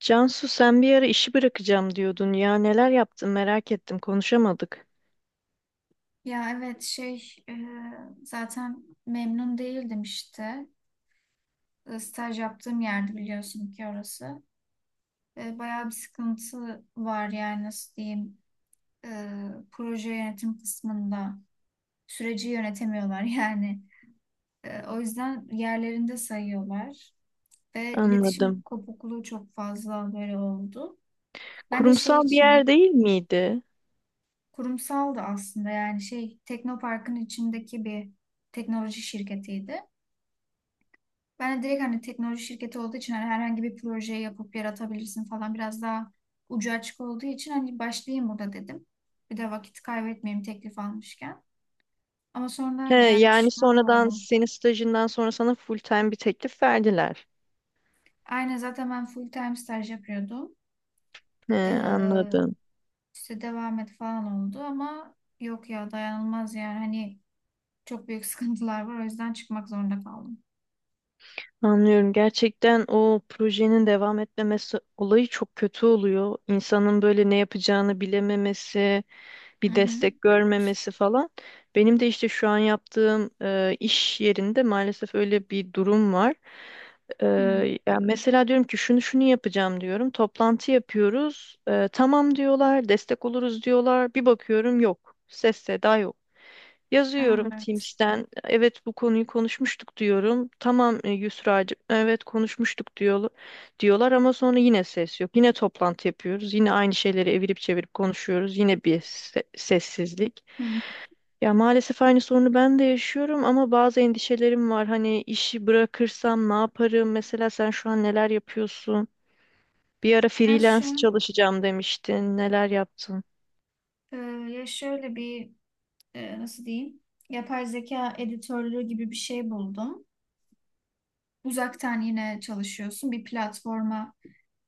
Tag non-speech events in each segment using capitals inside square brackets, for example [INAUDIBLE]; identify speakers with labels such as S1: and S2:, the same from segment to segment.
S1: Cansu sen bir ara işi bırakacağım diyordun ya, neler yaptın, merak ettim, konuşamadık.
S2: Ya evet şey e, zaten memnun değildim işte. Staj yaptığım yerde biliyorsun ki orası. Bayağı bir sıkıntı var yani nasıl diyeyim. E, proje yönetim kısmında süreci yönetemiyorlar [LAUGHS] yani. O yüzden yerlerinde sayıyorlar. Ve iletişim
S1: Anladım.
S2: kopukluğu çok fazla böyle oldu. Ben de şey
S1: Kurumsal bir yer
S2: için
S1: değil miydi?
S2: kurumsaldı aslında yani şey Teknopark'ın içindeki bir teknoloji şirketiydi. Ben de direkt hani teknoloji şirketi olduğu için hani herhangi bir projeyi yapıp yaratabilirsin falan biraz daha ucu açık olduğu için hani başlayayım burada dedim. Bir de vakit kaybetmeyeyim teklif almışken. Ama
S1: He,
S2: sonradan yani
S1: yani
S2: pişman
S1: sonradan
S2: oldum.
S1: senin stajından sonra sana full time bir teklif verdiler.
S2: Aynen zaten ben full time staj yapıyordum.
S1: He,
S2: Ee,
S1: anladım.
S2: işte devam et falan oldu ama yok ya dayanılmaz yani hani çok büyük [LAUGHS] sıkıntılar var o yüzden çıkmak zorunda kaldım.
S1: Anlıyorum. Gerçekten o projenin devam etmemesi olayı çok kötü oluyor. İnsanın böyle ne yapacağını bilememesi,
S2: Hı
S1: bir
S2: hı.
S1: destek görmemesi falan. Benim de işte şu an yaptığım iş yerinde maalesef öyle bir durum var. E,
S2: Hı.
S1: ya mesela diyorum ki şunu şunu yapacağım diyorum. Toplantı yapıyoruz. Tamam diyorlar, destek oluruz diyorlar. Bir bakıyorum yok. Ses seda yok. Yazıyorum
S2: Evet.
S1: Teams'ten. Evet bu konuyu konuşmuştuk diyorum. Tamam Yusra'cığım evet konuşmuştuk diyor, diyorlar ama sonra yine ses yok. Yine toplantı yapıyoruz. Yine aynı şeyleri evirip çevirip konuşuyoruz. Yine bir sessizlik.
S2: Hı.
S1: Ya maalesef aynı sorunu ben de yaşıyorum ama bazı endişelerim var. Hani işi bırakırsam ne yaparım? Mesela sen şu an neler yapıyorsun? Bir ara
S2: Ben
S1: freelance
S2: şu,
S1: çalışacağım demiştin. Neler yaptın?
S2: ya şöyle bir, nasıl diyeyim, yapay zeka editörlüğü gibi bir şey buldum. Uzaktan yine çalışıyorsun, bir platforma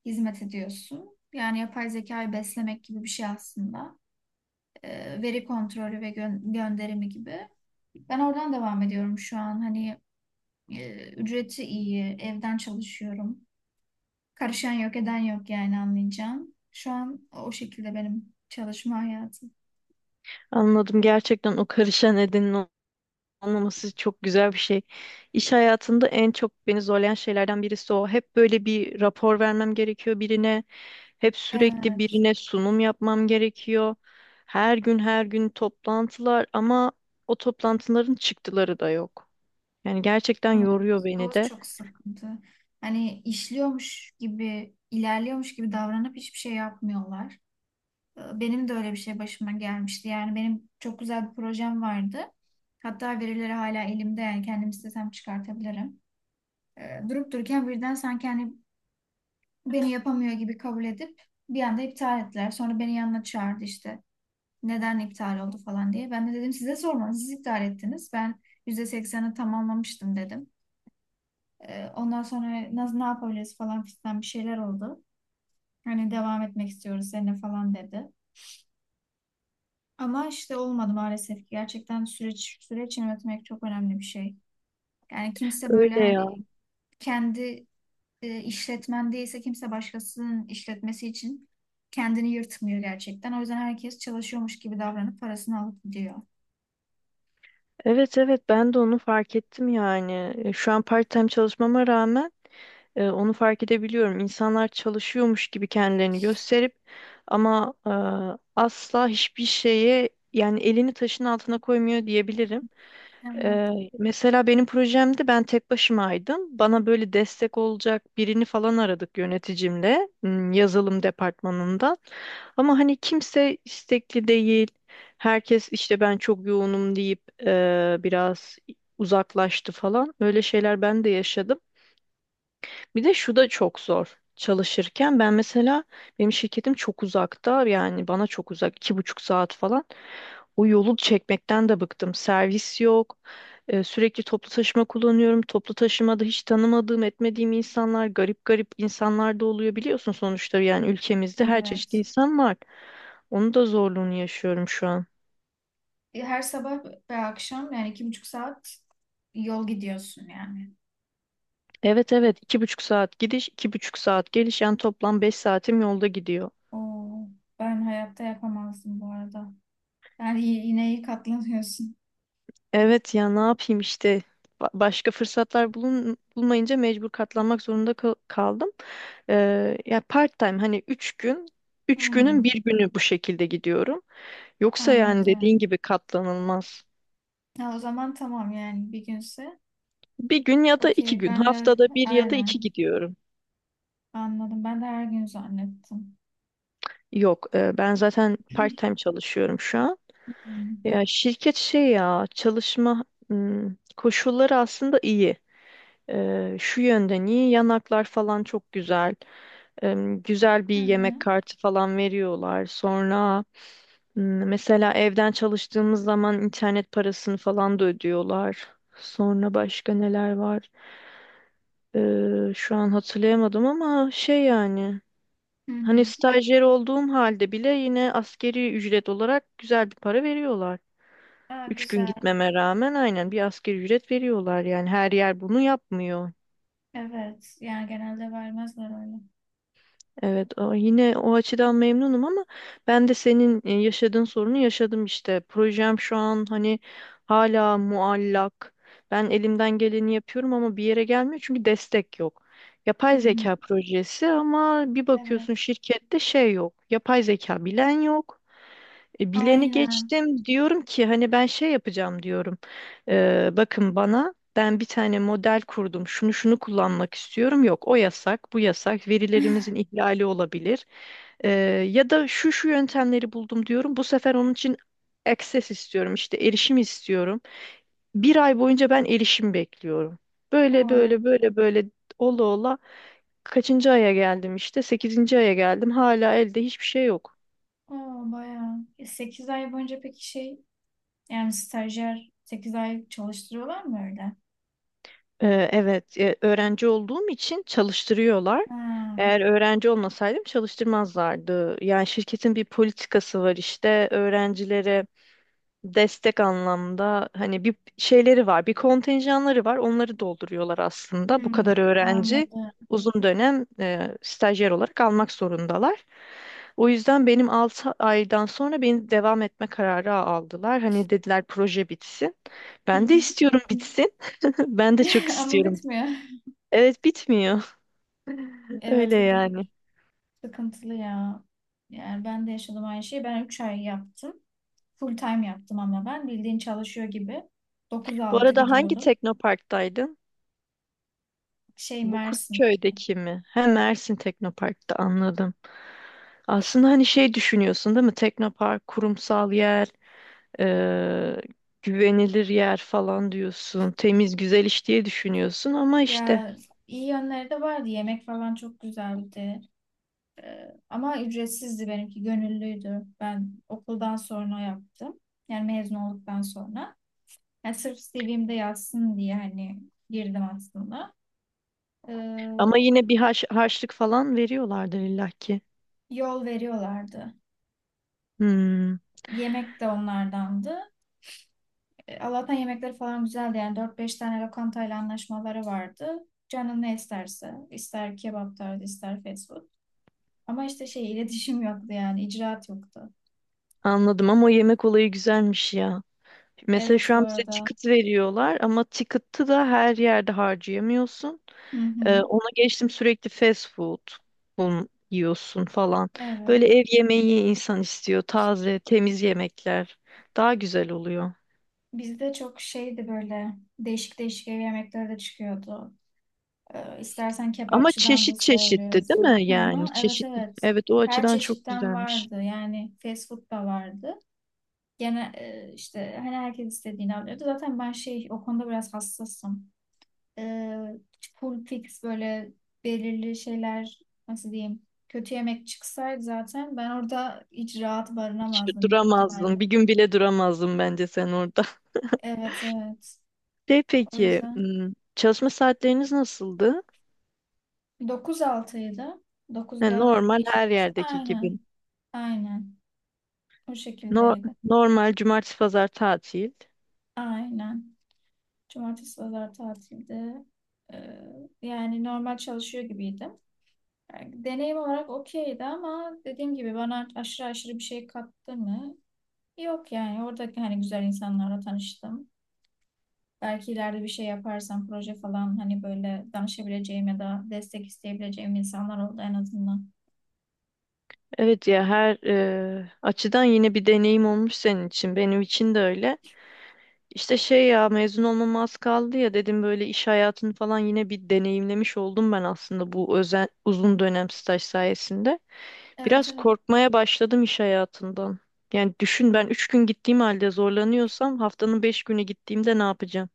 S2: hizmet ediyorsun. Yani yapay zekayı beslemek gibi bir şey aslında. Veri kontrolü ve gönderimi gibi. Ben oradan devam ediyorum şu an. Hani ücreti iyi, evden çalışıyorum. Karışan yok, eden yok yani anlayacağım. Şu an o şekilde benim çalışma hayatım.
S1: Anladım, gerçekten o karışan nedenin anlaması çok güzel bir şey. İş hayatında en çok beni zorlayan şeylerden birisi o. Hep böyle bir rapor vermem gerekiyor birine. Hep sürekli
S2: Evet.
S1: birine sunum yapmam gerekiyor. Her gün her gün toplantılar ama o toplantıların çıktıları da yok. Yani gerçekten
S2: Evet.
S1: yoruyor
S2: O
S1: beni de.
S2: çok sıkıntı. Hani işliyormuş gibi, ilerliyormuş gibi davranıp hiçbir şey yapmıyorlar. Benim de öyle bir şey başıma gelmişti. Yani benim çok güzel bir projem vardı. Hatta verileri hala elimde yani kendim istesem çıkartabilirim. Durup dururken birden sanki hani beni yapamıyor gibi kabul edip bir anda iptal ettiler. Sonra beni yanına çağırdı işte. Neden iptal oldu falan diye. Ben de dedim size sormadım. Siz iptal ettiniz. Ben %80'ini tamamlamıştım dedim. Ondan sonra nasıl ne yapabiliriz falan filan bir şeyler oldu. Hani devam etmek istiyoruz seninle falan dedi. Ama işte olmadı maalesef ki. Gerçekten süreç yönetmek çok önemli bir şey. Yani kimse
S1: Öyle
S2: böyle hani
S1: ya.
S2: kendi işletmen değilse kimse başkasının işletmesi için kendini yırtmıyor gerçekten. O yüzden herkes çalışıyormuş gibi davranıp parasını alıp gidiyor.
S1: Evet evet, ben de onu fark ettim yani. Şu an part-time çalışmama rağmen onu fark edebiliyorum. İnsanlar çalışıyormuş gibi kendilerini gösterip ama asla hiçbir şeye yani elini taşın altına koymuyor diyebilirim.
S2: Evet.
S1: E, mesela benim projemde ben tek başımaydım. Bana böyle destek olacak birini falan aradık yöneticimle, yazılım departmanından. Ama hani kimse istekli değil. Herkes işte ben çok yoğunum deyip biraz uzaklaştı falan. Öyle şeyler ben de yaşadım. Bir de şu da çok zor. Çalışırken ben mesela benim şirketim çok uzakta, yani bana çok uzak, iki buçuk saat falan. O yolu çekmekten de bıktım. Servis yok. Sürekli toplu taşıma kullanıyorum. Toplu taşımada hiç tanımadığım etmediğim insanlar, garip garip insanlar da oluyor, biliyorsun sonuçta yani ülkemizde her çeşit
S2: Evet.
S1: insan var. Onun da zorluğunu yaşıyorum şu an.
S2: Her sabah ve akşam yani 2,5 saat yol gidiyorsun yani.
S1: Evet evet, iki buçuk saat gidiş iki buçuk saat geliş, yani toplam beş saatim yolda gidiyor.
S2: Oo, ben hayatta yapamazdım bu arada. Yani yine iyi katlanıyorsun.
S1: Evet ya, ne yapayım işte. Başka fırsatlar bulun, bulmayınca mecbur katlanmak zorunda kaldım. Ya part time hani üç günün
S2: Hmm,
S1: bir günü bu şekilde gidiyorum. Yoksa yani
S2: anladım.
S1: dediğin gibi katlanılmaz.
S2: Ha, o zaman tamam yani bir günse.
S1: Bir gün ya da iki
S2: Okey
S1: gün,
S2: ben de
S1: haftada bir ya da iki
S2: aynen
S1: gidiyorum.
S2: anladım. Ben de her gün zannettim.
S1: Yok ben zaten part
S2: [CLEARS THROAT]
S1: time çalışıyorum şu an.
S2: Hmm.
S1: Ya şirket şey, ya çalışma koşulları aslında iyi. Şu yönden iyi, yanaklar falan çok güzel. Güzel bir
S2: Hı
S1: yemek
S2: hı.
S1: kartı falan veriyorlar. Sonra, mesela evden çalıştığımız zaman internet parasını falan da ödüyorlar. Sonra başka neler var? Şu an hatırlayamadım ama şey yani
S2: Hı hı.
S1: hani stajyer olduğum halde bile yine askeri ücret olarak güzel bir para veriyorlar.
S2: Aa,
S1: Üç gün
S2: güzel.
S1: gitmeme rağmen aynen bir asgari ücret veriyorlar, yani her yer bunu yapmıyor.
S2: Evet. Yani genelde vermezler öyle.
S1: Evet, yine o açıdan memnunum ama ben de senin yaşadığın sorunu yaşadım işte. Projem şu an hani hala muallak. Ben elimden geleni yapıyorum ama bir yere gelmiyor çünkü destek yok.
S2: Hı
S1: Yapay
S2: hı.
S1: zeka projesi ama bir
S2: Evet.
S1: bakıyorsun şirkette şey yok, yapay zeka bilen yok. Bileni
S2: Aynen.
S1: geçtim, diyorum ki hani ben şey yapacağım diyorum. Bakın bana, ben bir tane model kurdum. Şunu şunu kullanmak istiyorum. Yok o yasak, bu yasak. Verilerimizin
S2: [LAUGHS]
S1: ihlali olabilir. E, ya da şu şu yöntemleri buldum diyorum. Bu sefer onun için access istiyorum, işte erişim istiyorum. Bir ay boyunca ben erişim bekliyorum. Böyle
S2: Oo,
S1: böyle böyle böyle, ola ola kaçıncı aya geldim işte, sekizinci aya geldim. Hala elde hiçbir şey yok.
S2: oo bayağı. Sekiz ay boyunca peki şey yani stajyer 8 ay çalıştırıyorlar mı öyle?
S1: Evet, öğrenci olduğum için çalıştırıyorlar.
S2: Ha.
S1: Eğer öğrenci olmasaydım çalıştırmazlardı. Yani şirketin bir politikası var işte, öğrencilere destek anlamda hani bir şeyleri var, bir kontenjanları var. Onları dolduruyorlar aslında. Bu
S2: Hmm,
S1: kadar öğrenci
S2: anladım.
S1: uzun dönem stajyer olarak almak zorundalar. O yüzden benim 6 aydan sonra beni devam etme kararı aldılar. Hani dediler proje bitsin.
S2: Hı
S1: Ben de
S2: hı.
S1: istiyorum bitsin. [LAUGHS] Ben de çok
S2: [LAUGHS] Ama
S1: istiyorum.
S2: bitmiyor.
S1: Evet, bitmiyor. [LAUGHS]
S2: Evet
S1: Öyle
S2: o durum
S1: yani.
S2: sıkıntılı ya. Yani ben de yaşadım aynı şeyi. Ben 3 ay yaptım. Full time yaptım ama ben bildiğin çalışıyor gibi. Dokuz
S1: Bu
S2: altı
S1: arada hangi
S2: gidiyordum.
S1: teknoparktaydın?
S2: Şey
S1: Bu
S2: Mersin.
S1: Kurtköy'deki mi? He, Mersin Teknopark'ta, anladım. Aslında hani şey düşünüyorsun değil mi? Teknopark, kurumsal yer, eee, güvenilir yer falan diyorsun. Temiz, güzel iş diye düşünüyorsun ama işte.
S2: Ya iyi yönleri de vardı. Yemek falan çok güzeldi. Ama ücretsizdi benimki. Gönüllüydü. Ben okuldan sonra yaptım. Yani mezun olduktan sonra. Yani sırf CV'mde yazsın diye hani girdim aslında. Ee,
S1: Ama yine bir harçlık falan veriyorlardır illaki.
S2: yol veriyorlardı.
S1: Hmm,
S2: Yemek de onlardandı. Allah'tan yemekleri falan güzeldi. Yani 4-5 tane lokantayla anlaşmaları vardı. Canın ne isterse. İster kebap tarzı, ister fast food. Ama işte şey iletişim [LAUGHS] yoktu yani. İcraat yoktu.
S1: anladım, ama o yemek olayı güzelmiş ya. Mesela
S2: Evet
S1: şu
S2: bu
S1: an bize
S2: arada.
S1: ticket veriyorlar ama ticket'ı da her yerde harcayamıyorsun.
S2: Hı hı.
S1: Ona geçtim sürekli fast food yiyorsun falan. Böyle
S2: Evet.
S1: ev yemeği insan istiyor. Taze, temiz yemekler daha güzel oluyor.
S2: Bizde çok şeydi böyle değişik değişik ev yemekleri de çıkıyordu. İstersen
S1: Ama
S2: kebapçıdan da
S1: çeşit çeşitti değil mi?
S2: söylüyorsun. Hı hı.
S1: Yani
S2: Evet
S1: çeşit.
S2: evet.
S1: Evet, o
S2: Her
S1: açıdan çok
S2: çeşitten
S1: güzelmiş.
S2: vardı. Yani fast food da vardı. Gene işte hani herkes istediğini alıyordu. Zaten ben şey o konuda biraz hassasım. E, full fix böyle belirli şeyler nasıl diyeyim kötü yemek çıksaydı zaten ben orada hiç rahat
S1: Hiç
S2: barınamazdım büyük ihtimalle.
S1: duramazdın. Bir gün bile duramazdın bence sen orada.
S2: Evet evet.
S1: [LAUGHS] De
S2: O
S1: peki,
S2: yüzden
S1: çalışma saatleriniz nasıldı?
S2: 9-6'ydı.
S1: Ha,
S2: 9'da
S1: normal
S2: iş
S1: her
S2: başladı.
S1: yerdeki
S2: Aynen.
S1: gibi.
S2: Aynen. O
S1: No-
S2: şekildeydi.
S1: normal, cumartesi pazar tatil.
S2: Aynen. Cumartesi, pazar tatildi. Ee, yani normal çalışıyor gibiydim. Yani deneyim olarak okeydi ama dediğim gibi bana aşırı aşırı bir şey kattı mı? Yok yani oradaki hani güzel insanlarla tanıştım. Belki ileride bir şey yaparsam proje falan hani böyle danışabileceğim ya da destek isteyebileceğim insanlar oldu en azından.
S1: Evet ya, her açıdan yine bir deneyim olmuş senin için. Benim için de öyle. İşte şey, ya mezun olmama az kaldı ya dedim, böyle iş hayatını falan yine bir deneyimlemiş oldum ben aslında bu uzun dönem staj sayesinde.
S2: Evet
S1: Biraz
S2: evet.
S1: korkmaya başladım iş hayatından. Yani düşün, ben 3 gün gittiğim halde zorlanıyorsam haftanın 5 günü gittiğimde ne yapacağım?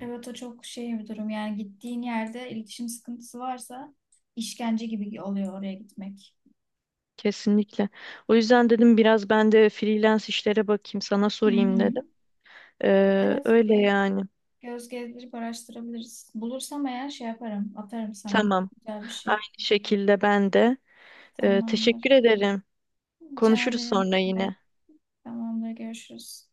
S2: Evet o çok şey bir durum. Yani gittiğin yerde iletişim sıkıntısı varsa işkence gibi oluyor oraya gitmek.
S1: Kesinlikle. O yüzden dedim biraz ben de freelance işlere bakayım, sana
S2: Hı
S1: sorayım
S2: hı.
S1: dedim.
S2: Evet
S1: Öyle
S2: bir
S1: yani.
S2: göz gezdirip araştırabiliriz. Bulursam eğer şey yaparım, atarım sana.
S1: Tamam.
S2: Güzel bir şey.
S1: Aynı şekilde ben de. Teşekkür
S2: Tamamdır.
S1: ederim.
S2: Rica
S1: Konuşuruz
S2: ederim.
S1: sonra
S2: Demek.
S1: yine.
S2: Tamamdır. Görüşürüz.